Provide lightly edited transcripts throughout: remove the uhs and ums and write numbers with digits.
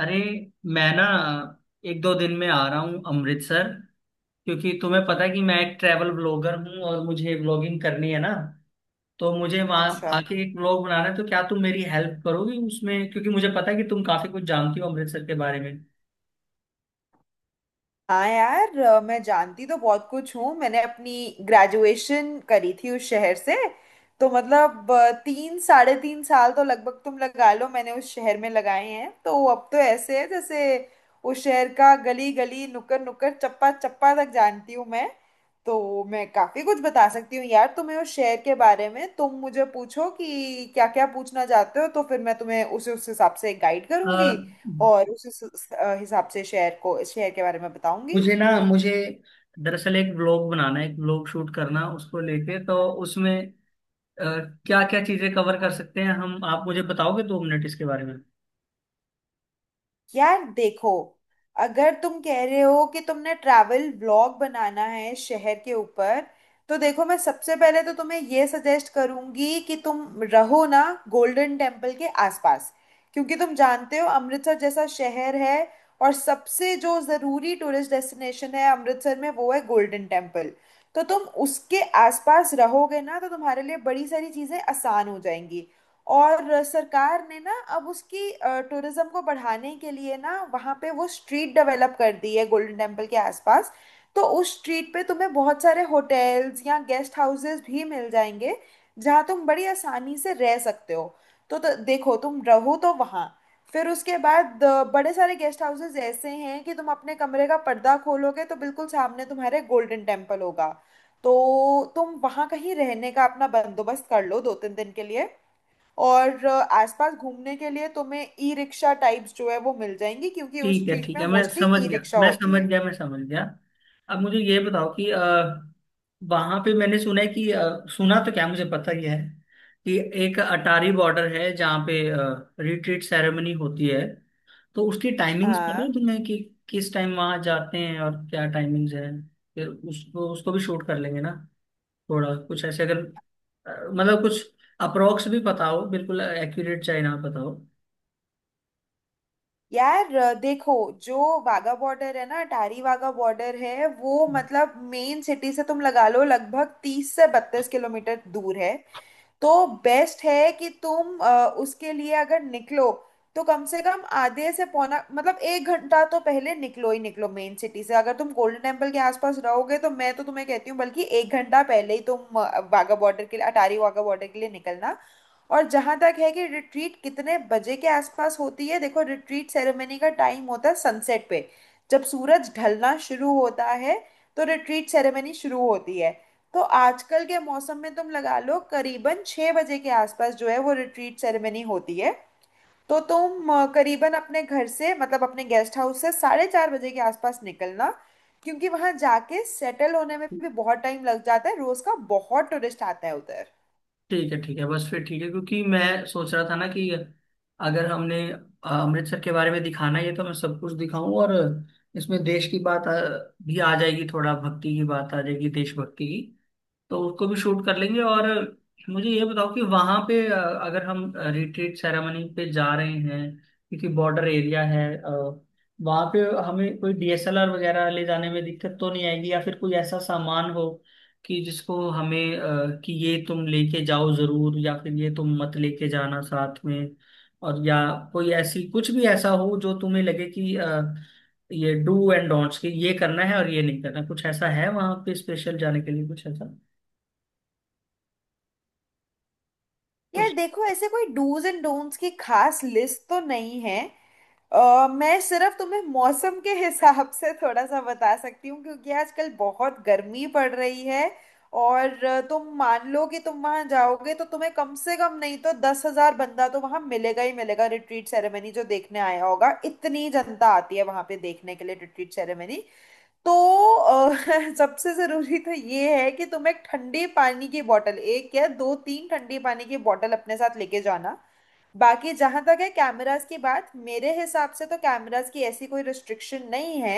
अरे, मैं ना एक दो दिन में आ रहा हूँ अमृतसर। क्योंकि तुम्हें पता है कि मैं एक ट्रैवल ब्लॉगर हूँ और मुझे ब्लॉगिंग करनी है ना, तो मुझे वहाँ अच्छा। आके एक ब्लॉग बनाना है। तो क्या तुम मेरी हेल्प करोगी उसमें? क्योंकि मुझे पता है कि तुम काफी कुछ जानती हो अमृतसर के बारे में। हाँ यार, मैं जानती तो बहुत कुछ हूँ। मैंने अपनी ग्रेजुएशन करी थी उस शहर से, तो मतलब 3 साढ़े 3 साल तो लगभग तुम लगा लो मैंने उस शहर में लगाए हैं। तो अब तो ऐसे है जैसे उस शहर का गली गली नुक्कड़ नुक्कड़ चप्पा चप्पा तक जानती हूँ मैं। तो मैं काफी कुछ बता सकती हूँ यार तुम्हें उस शहर के बारे में। तुम मुझे पूछो कि क्या क्या पूछना चाहते हो, तो फिर मैं तुम्हें उसे उस हिसाब से गाइड अ, करूंगी। और उस हिसाब से शेयर को शेयर के बारे में बताऊंगी। मुझे दरअसल एक ब्लॉग बनाना है, एक ब्लॉग शूट करना उसको लेके। तो उसमें क्या क्या चीजें कवर कर सकते हैं हम? आप मुझे बताओगे 2 मिनट इसके बारे में। यार देखो, अगर तुम कह रहे हो कि तुमने ट्रैवल व्लॉग बनाना है शहर के ऊपर, तो देखो मैं सबसे पहले तो तुम्हें ये सजेस्ट करूंगी कि तुम रहो ना गोल्डन टेम्पल के आसपास। क्योंकि तुम जानते हो अमृतसर जैसा शहर है, और सबसे जो ज़रूरी टूरिस्ट डेस्टिनेशन है अमृतसर में वो है गोल्डन टेम्पल। तो तुम उसके आसपास रहोगे ना तो तुम्हारे लिए बड़ी सारी चीज़ें आसान हो जाएंगी। और सरकार ने ना अब उसकी टूरिज्म को बढ़ाने के लिए ना वहाँ पे वो स्ट्रीट डेवलप कर दी है गोल्डन टेम्पल के आसपास। तो उस स्ट्रीट पे तुम्हें बहुत सारे होटल्स या गेस्ट हाउसेस भी मिल जाएंगे जहाँ तुम बड़ी आसानी से रह सकते हो। तो देखो तुम रहो तो वहाँ। फिर उसके बाद बड़े सारे गेस्ट हाउसेस ऐसे हैं कि तुम अपने कमरे का पर्दा खोलोगे तो बिल्कुल सामने तुम्हारे गोल्डन टेम्पल होगा। तो तुम वहाँ कहीं रहने का अपना बंदोबस्त कर लो 2-3 दिन के लिए। और आसपास घूमने के लिए तुम्हें ई रिक्शा टाइप्स जो है वो मिल जाएंगी क्योंकि उस ठीक है, स्ट्रीट ठीक में है, मैं मोस्टली समझ ई गया, रिक्शा मैं होती समझ है। गया, मैं समझ गया। अब मुझे ये बताओ कि वहां पे मैंने सुना है कि सुना तो क्या, मुझे पता ही है कि एक अटारी बॉर्डर है जहाँ पे रिट्रीट सेरेमनी होती है। तो उसकी टाइमिंग्स हाँ पता है तुम्हें कि किस टाइम वहां जाते हैं और क्या टाइमिंग्स है? फिर उसको उसको भी शूट कर लेंगे ना। थोड़ा कुछ ऐसे अगर मतलब कुछ अप्रोक्स भी पता हो, बिल्कुल एक्यूरेट चाहे ना पता यार, देखो, जो वाघा बॉर्डर है ना, अटारी वाघा बॉर्डर है वो, हो। मतलब मेन सिटी से तुम लगा लो लगभग 30 से 32 किलोमीटर दूर है। तो बेस्ट है कि तुम उसके लिए अगर निकलो, तो कम से कम आधे से पौना मतलब 1 घंटा तो पहले निकलो ही निकलो मेन सिटी से। अगर तुम गोल्डन टेम्पल के आसपास रहोगे तो मैं तो तुम्हें कहती हूँ बल्कि 1 घंटा पहले ही तुम वाघा बॉर्डर के लिए अटारी वाघा बॉर्डर के लिए निकलना। और जहां तक है कि रिट्रीट कितने बजे के आसपास होती है, देखो रिट्रीट सेरेमनी का टाइम होता है सनसेट पे, जब सूरज ढलना शुरू होता है तो रिट्रीट सेरेमनी शुरू होती है। तो आजकल के मौसम में तुम लगा लो करीबन 6 बजे के आसपास जो है वो रिट्रीट सेरेमनी होती है। तो तुम करीबन अपने घर से मतलब अपने गेस्ट हाउस से 4:30 बजे के आसपास निकलना, क्योंकि वहां जाके सेटल होने में भी बहुत टाइम लग जाता है, रोज का बहुत टूरिस्ट आता है उधर। ठीक है, ठीक है, बस फिर ठीक है। क्योंकि मैं सोच रहा था ना कि अगर हमने अमृतसर के बारे में दिखाना ही है तो मैं सब कुछ दिखाऊं, और इसमें देश की बात भी आ जाएगी, थोड़ा भक्ति की बात आ जाएगी, देशभक्ति की। तो उसको भी शूट कर लेंगे। और मुझे ये बताओ कि वहां पे अगर हम रिट्रीट सेरेमनी पे जा रहे हैं, क्योंकि बॉर्डर एरिया है, वहां पे हमें कोई डीएसएलआर वगैरह ले जाने में दिक्कत तो नहीं आएगी? या फिर कोई ऐसा सामान हो कि जिसको हमें कि ये तुम लेके जाओ जरूर, या फिर ये तुम मत लेके जाना साथ में। और या कोई ऐसी, कुछ भी ऐसा हो जो तुम्हें लगे कि ये डू एंड डोंट्स, कि ये करना है और ये नहीं करना, कुछ ऐसा है वहां पे स्पेशल जाने के लिए, कुछ ऐसा? यार उस देखो, ऐसे कोई डूज एंड डोंट्स की खास लिस्ट तो नहीं है। मैं सिर्फ तुम्हें मौसम के हिसाब से थोड़ा सा बता सकती हूँ क्योंकि आजकल बहुत गर्मी पड़ रही है। और तुम मान लो कि तुम वहां जाओगे तो तुम्हें कम से कम नहीं तो 10,000 बंदा तो वहां मिलेगा ही मिलेगा, रिट्रीट सेरेमनी जो देखने आया होगा। इतनी जनता आती है वहां पे देखने के लिए रिट्रीट सेरेमनी। तो अ, सबसे जरूरी तो ये है कि तुम एक ठंडे पानी की बोतल, एक या दो तीन ठंडे पानी की बोतल अपने साथ लेके जाना। बाकी जहां तक है कैमरास की बात, मेरे हिसाब से तो कैमरास की ऐसी कोई रिस्ट्रिक्शन नहीं है।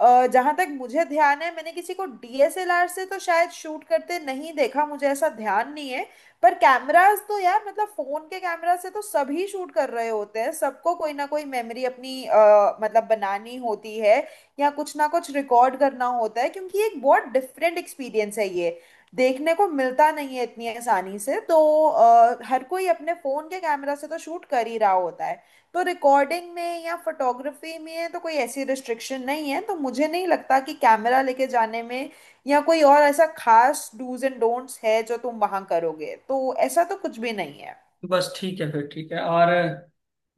जहां तक मुझे ध्यान है, मैंने किसी को डीएसएलआर से तो शायद शूट करते नहीं देखा, मुझे ऐसा ध्यान नहीं है। पर कैमरास तो यार मतलब फोन के कैमरा से तो सभी शूट कर रहे होते हैं, सबको कोई ना कोई मेमोरी अपनी मतलब बनानी होती है या कुछ ना कुछ रिकॉर्ड करना होता है क्योंकि एक बहुत डिफरेंट एक्सपीरियंस है ये, देखने को मिलता नहीं है इतनी आसानी से। तो हर कोई अपने फोन के कैमरा से तो शूट कर ही रहा होता है। तो रिकॉर्डिंग में या फोटोग्राफी में तो कोई ऐसी रिस्ट्रिक्शन नहीं है, तो मुझे नहीं लगता कि कैमरा लेके जाने में या कोई और ऐसा खास डूज एंड डोंट्स है जो तुम वहां करोगे तो ऐसा तो कुछ भी नहीं है। बस ठीक है, फिर ठीक है। और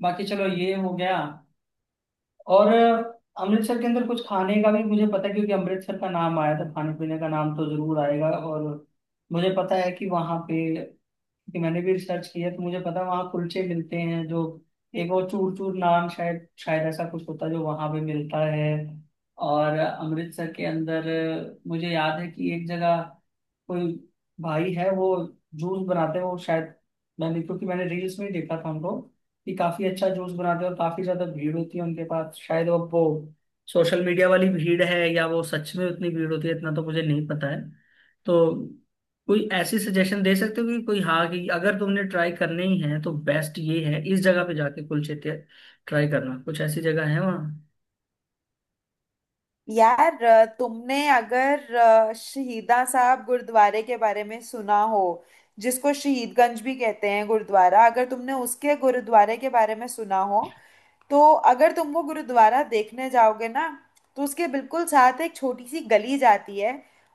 बाकी चलो ये हो गया। और अमृतसर के अंदर कुछ खाने का भी मुझे पता है, क्योंकि अमृतसर का नाम आया था, खाने पीने का नाम तो जरूर आएगा। और मुझे पता है कि वहाँ पे, कि मैंने भी रिसर्च किया तो मुझे पता, वहाँ कुलचे मिलते हैं जो, एक वो चूर चूर नाम शायद शायद ऐसा कुछ होता है जो वहाँ पे मिलता है। और अमृतसर के अंदर मुझे याद है कि एक जगह कोई भाई है, वो जूस बनाते हैं वो। शायद, मैंने क्योंकि मैंने रील्स में ही देखा था उनको, कि काफी अच्छा जूस बनाते हैं और काफी ज्यादा भीड़ होती है उनके पास। शायद वो सोशल मीडिया वाली भीड़ है, या वो सच में उतनी भीड़ होती है, इतना तो मुझे नहीं पता है। तो कोई ऐसी सजेशन दे सकते हो कि कोई, हाँ, कि अगर तुमने ट्राई करने ही है तो बेस्ट ये है इस जगह पे जाके कुलचे ट्राई करना, कुछ ऐसी जगह है वहाँ? यार, तुमने अगर शहीदा साहब गुरुद्वारे के बारे में सुना हो, जिसको शहीदगंज भी कहते हैं गुरुद्वारा, अगर तुमने उसके गुरुद्वारे के बारे में सुना हो, तो अगर तुम वो गुरुद्वारा देखने जाओगे ना तो उसके बिल्कुल साथ एक छोटी सी गली जाती है।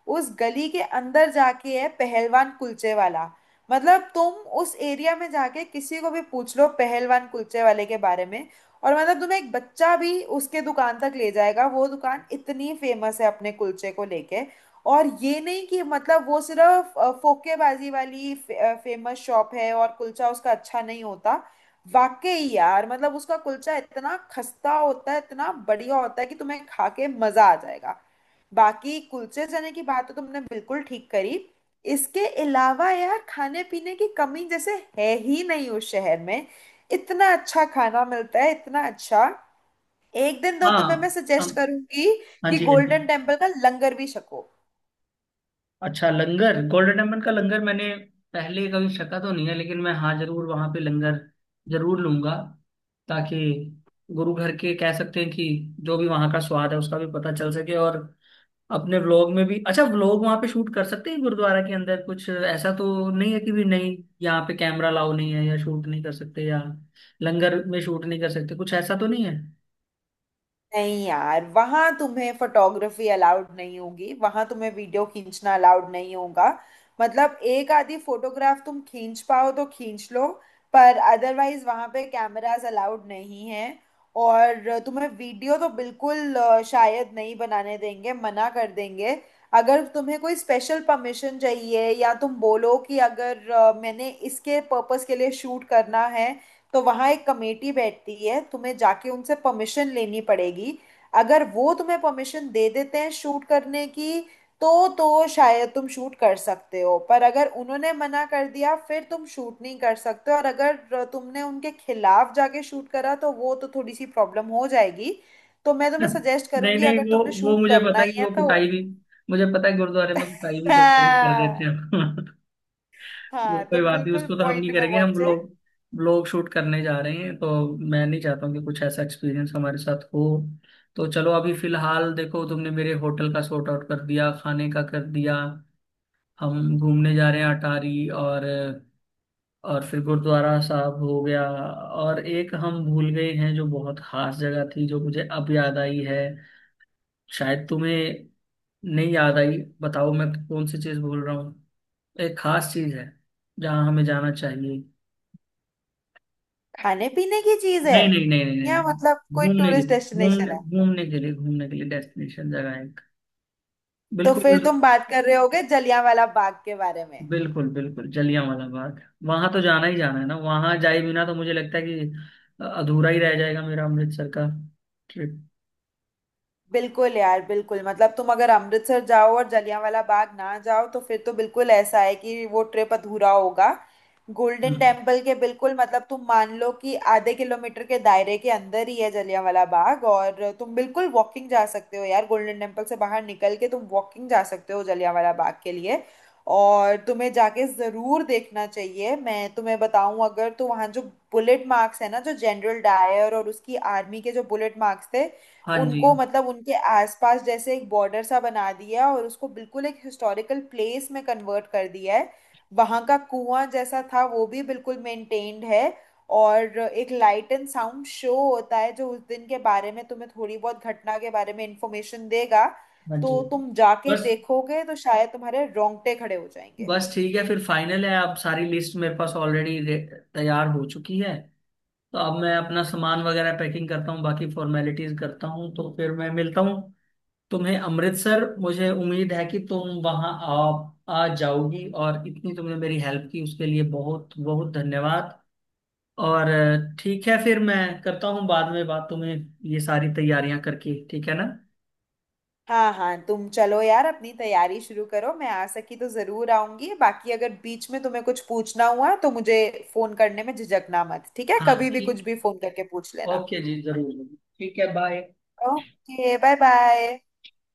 उस गली के अंदर जाके है पहलवान कुलचे वाला। मतलब तुम उस एरिया में जाके किसी को भी पूछ लो पहलवान कुलचे वाले के बारे में, और मतलब तुम्हें एक बच्चा भी उसके दुकान तक ले जाएगा, वो दुकान इतनी फेमस है अपने कुलचे को लेके। और ये नहीं कि मतलब वो सिर्फ फोकेबाजी वाली फेमस शॉप है और कुलचा उसका अच्छा नहीं होता। वाकई यार मतलब उसका कुलचा इतना खस्ता होता है, इतना बढ़िया होता है कि तुम्हें खा के मजा आ जाएगा। बाकी कुलचे चने की बात तो तुमने बिल्कुल ठीक करी। इसके अलावा यार खाने पीने की कमी जैसे है ही नहीं उस शहर में, इतना अच्छा खाना मिलता है, इतना अच्छा। एक दिन तो हाँ। तुम्हें मैं सजेस्ट हम- करूंगी हाँ कि जी, हाँ जी। गोल्डन टेम्पल का लंगर भी छको। अच्छा, लंगर। गोल्डन टेम्पल का लंगर मैंने पहले कभी छका तो नहीं है, लेकिन मैं, हाँ, जरूर वहाँ पे लंगर जरूर लूंगा, ताकि गुरु घर के, कह सकते हैं कि, जो भी वहाँ का स्वाद है उसका भी पता चल सके। और अपने व्लॉग में भी अच्छा व्लॉग वहां पे शूट कर सकते हैं। गुरुद्वारा के अंदर कुछ ऐसा तो नहीं है कि, भी नहीं, यहाँ पे कैमरा लाओ नहीं है, या शूट नहीं कर सकते, या लंगर में शूट नहीं कर सकते, कुछ ऐसा तो नहीं है? नहीं यार, वहां तुम्हें फोटोग्राफी अलाउड नहीं होगी, वहां तुम्हें वीडियो खींचना अलाउड नहीं होगा। मतलब एक आधी फोटोग्राफ तुम खींच पाओ तो खींच लो, पर अदरवाइज वहां पे कैमरास अलाउड नहीं है। और तुम्हें वीडियो तो बिल्कुल शायद नहीं बनाने देंगे, मना कर देंगे। अगर तुम्हें कोई स्पेशल परमिशन चाहिए या तुम बोलो कि अगर मैंने इसके पर्पस के लिए शूट करना है, तो वहां एक कमेटी बैठती है, तुम्हें जाके उनसे परमिशन लेनी पड़ेगी। अगर वो तुम्हें परमिशन दे देते हैं शूट करने की तो शायद तुम शूट कर सकते हो, पर अगर उन्होंने मना कर दिया फिर तुम शूट नहीं कर सकते, और अगर तुमने उनके खिलाफ जाके शूट करा तो वो तो थोड़ी सी प्रॉब्लम हो जाएगी। तो मैं तुम्हें सजेस्ट नहीं करूंगी नहीं, अगर वो तुमने वो शूट मुझे करना पता है कि ही है वो तो। कुटाई भी, मुझे पता है गुरुद्वारे में कुटाई भी कर देते हाँ हैं। तो हाँ, कोई तुम बात नहीं, बिल्कुल उसको तो हम पॉइंट नहीं पे करेंगे। हम पहुंचे। लोग ब्लॉग शूट करने जा रहे हैं तो मैं नहीं चाहता हूँ कि कुछ ऐसा एक्सपीरियंस हमारे साथ हो। तो चलो, अभी फिलहाल देखो, तुमने मेरे होटल का सॉर्ट आउट कर दिया, खाने का कर दिया, हम घूमने जा रहे हैं अटारी, और फिर गुरुद्वारा साहब हो गया। और एक हम भूल गए हैं जो बहुत खास जगह थी, जो मुझे अब याद आई है, शायद तुम्हें नहीं याद आई। बताओ मैं कौन सी चीज़ भूल रहा हूँ? एक खास चीज़ है जहाँ हमें जाना चाहिए। खाने पीने की चीज है? नहीं नहीं नहीं नहीं नहीं या मतलब नहीं। कोई घूमने के टूरिस्ट लिए डेस्टिनेशन घूमने है? घूमने के लिए डेस्टिनेशन जगह है एक। तो फिर बिल्कुल। तुम बात कर रहे होगे जलियांवाला बाग के बारे में। बिल्कुल बिल्कुल जलियांवाला बाग। वहां तो जाना ही जाना है ना, वहां जाए बिना तो मुझे लगता है कि अधूरा ही रह जाएगा मेरा अमृतसर का ट्रिप। बिल्कुल यार, बिल्कुल, मतलब तुम अगर अमृतसर जाओ और जलियांवाला बाग ना जाओ तो फिर तो बिल्कुल ऐसा है कि वो ट्रिप अधूरा होगा। Golden hmm. टेम्पल के बिल्कुल मतलब तुम मान लो कि आधे किलोमीटर के दायरे के अंदर ही है जलियांवाला बाग, और तुम बिल्कुल वॉकिंग जा सकते हो यार, गोल्डन टेम्पल से बाहर निकल के तुम वॉकिंग जा सकते हो जलियांवाला बाग के लिए। और तुम्हें जाके ज़रूर देखना चाहिए। मैं तुम्हें बताऊं, अगर तो वहाँ जो बुलेट मार्क्स है ना, जो जनरल डायर और उसकी आर्मी के जो बुलेट मार्क्स थे, हाँ जी, उनको मतलब उनके आसपास जैसे एक बॉर्डर सा बना दिया है और उसको बिल्कुल एक हिस्टोरिकल प्लेस में कन्वर्ट कर दिया है। वहाँ का कुआं जैसा था वो भी बिल्कुल मेंटेन्ड है। और एक लाइट एंड साउंड शो होता है जो उस दिन के बारे में तुम्हें थोड़ी बहुत घटना के बारे में इंफॉर्मेशन देगा। हाँ जी। तो तुम जाके बस, देखोगे तो शायद तुम्हारे रोंगटे खड़े हो जाएंगे। बस ठीक है, फिर फाइनल है। अब सारी लिस्ट मेरे पास ऑलरेडी तैयार हो चुकी है। तो अब मैं अपना सामान वगैरह पैकिंग करता हूँ, बाकी फॉर्मेलिटीज करता हूँ, तो फिर मैं मिलता हूँ तुम्हें अमृतसर। मुझे उम्मीद है कि तुम वहाँ आ आ जाओगी, और इतनी तुमने मेरी हेल्प की उसके लिए बहुत बहुत धन्यवाद। और ठीक है फिर, मैं करता हूँ बाद में बात तुम्हें, ये सारी तैयारियां करके, ठीक है ना? हाँ हाँ, तुम चलो यार, अपनी तैयारी शुरू करो। मैं आ सकी तो जरूर आऊंगी, बाकी अगर बीच में तुम्हें कुछ पूछना हुआ तो मुझे फोन करने में झिझकना मत, ठीक है? हाँ, कभी भी कुछ ठीक। भी फोन करके पूछ लेना। ओके जी, जरूर जरूर। ठीक है, बाय। Okay, bye bye.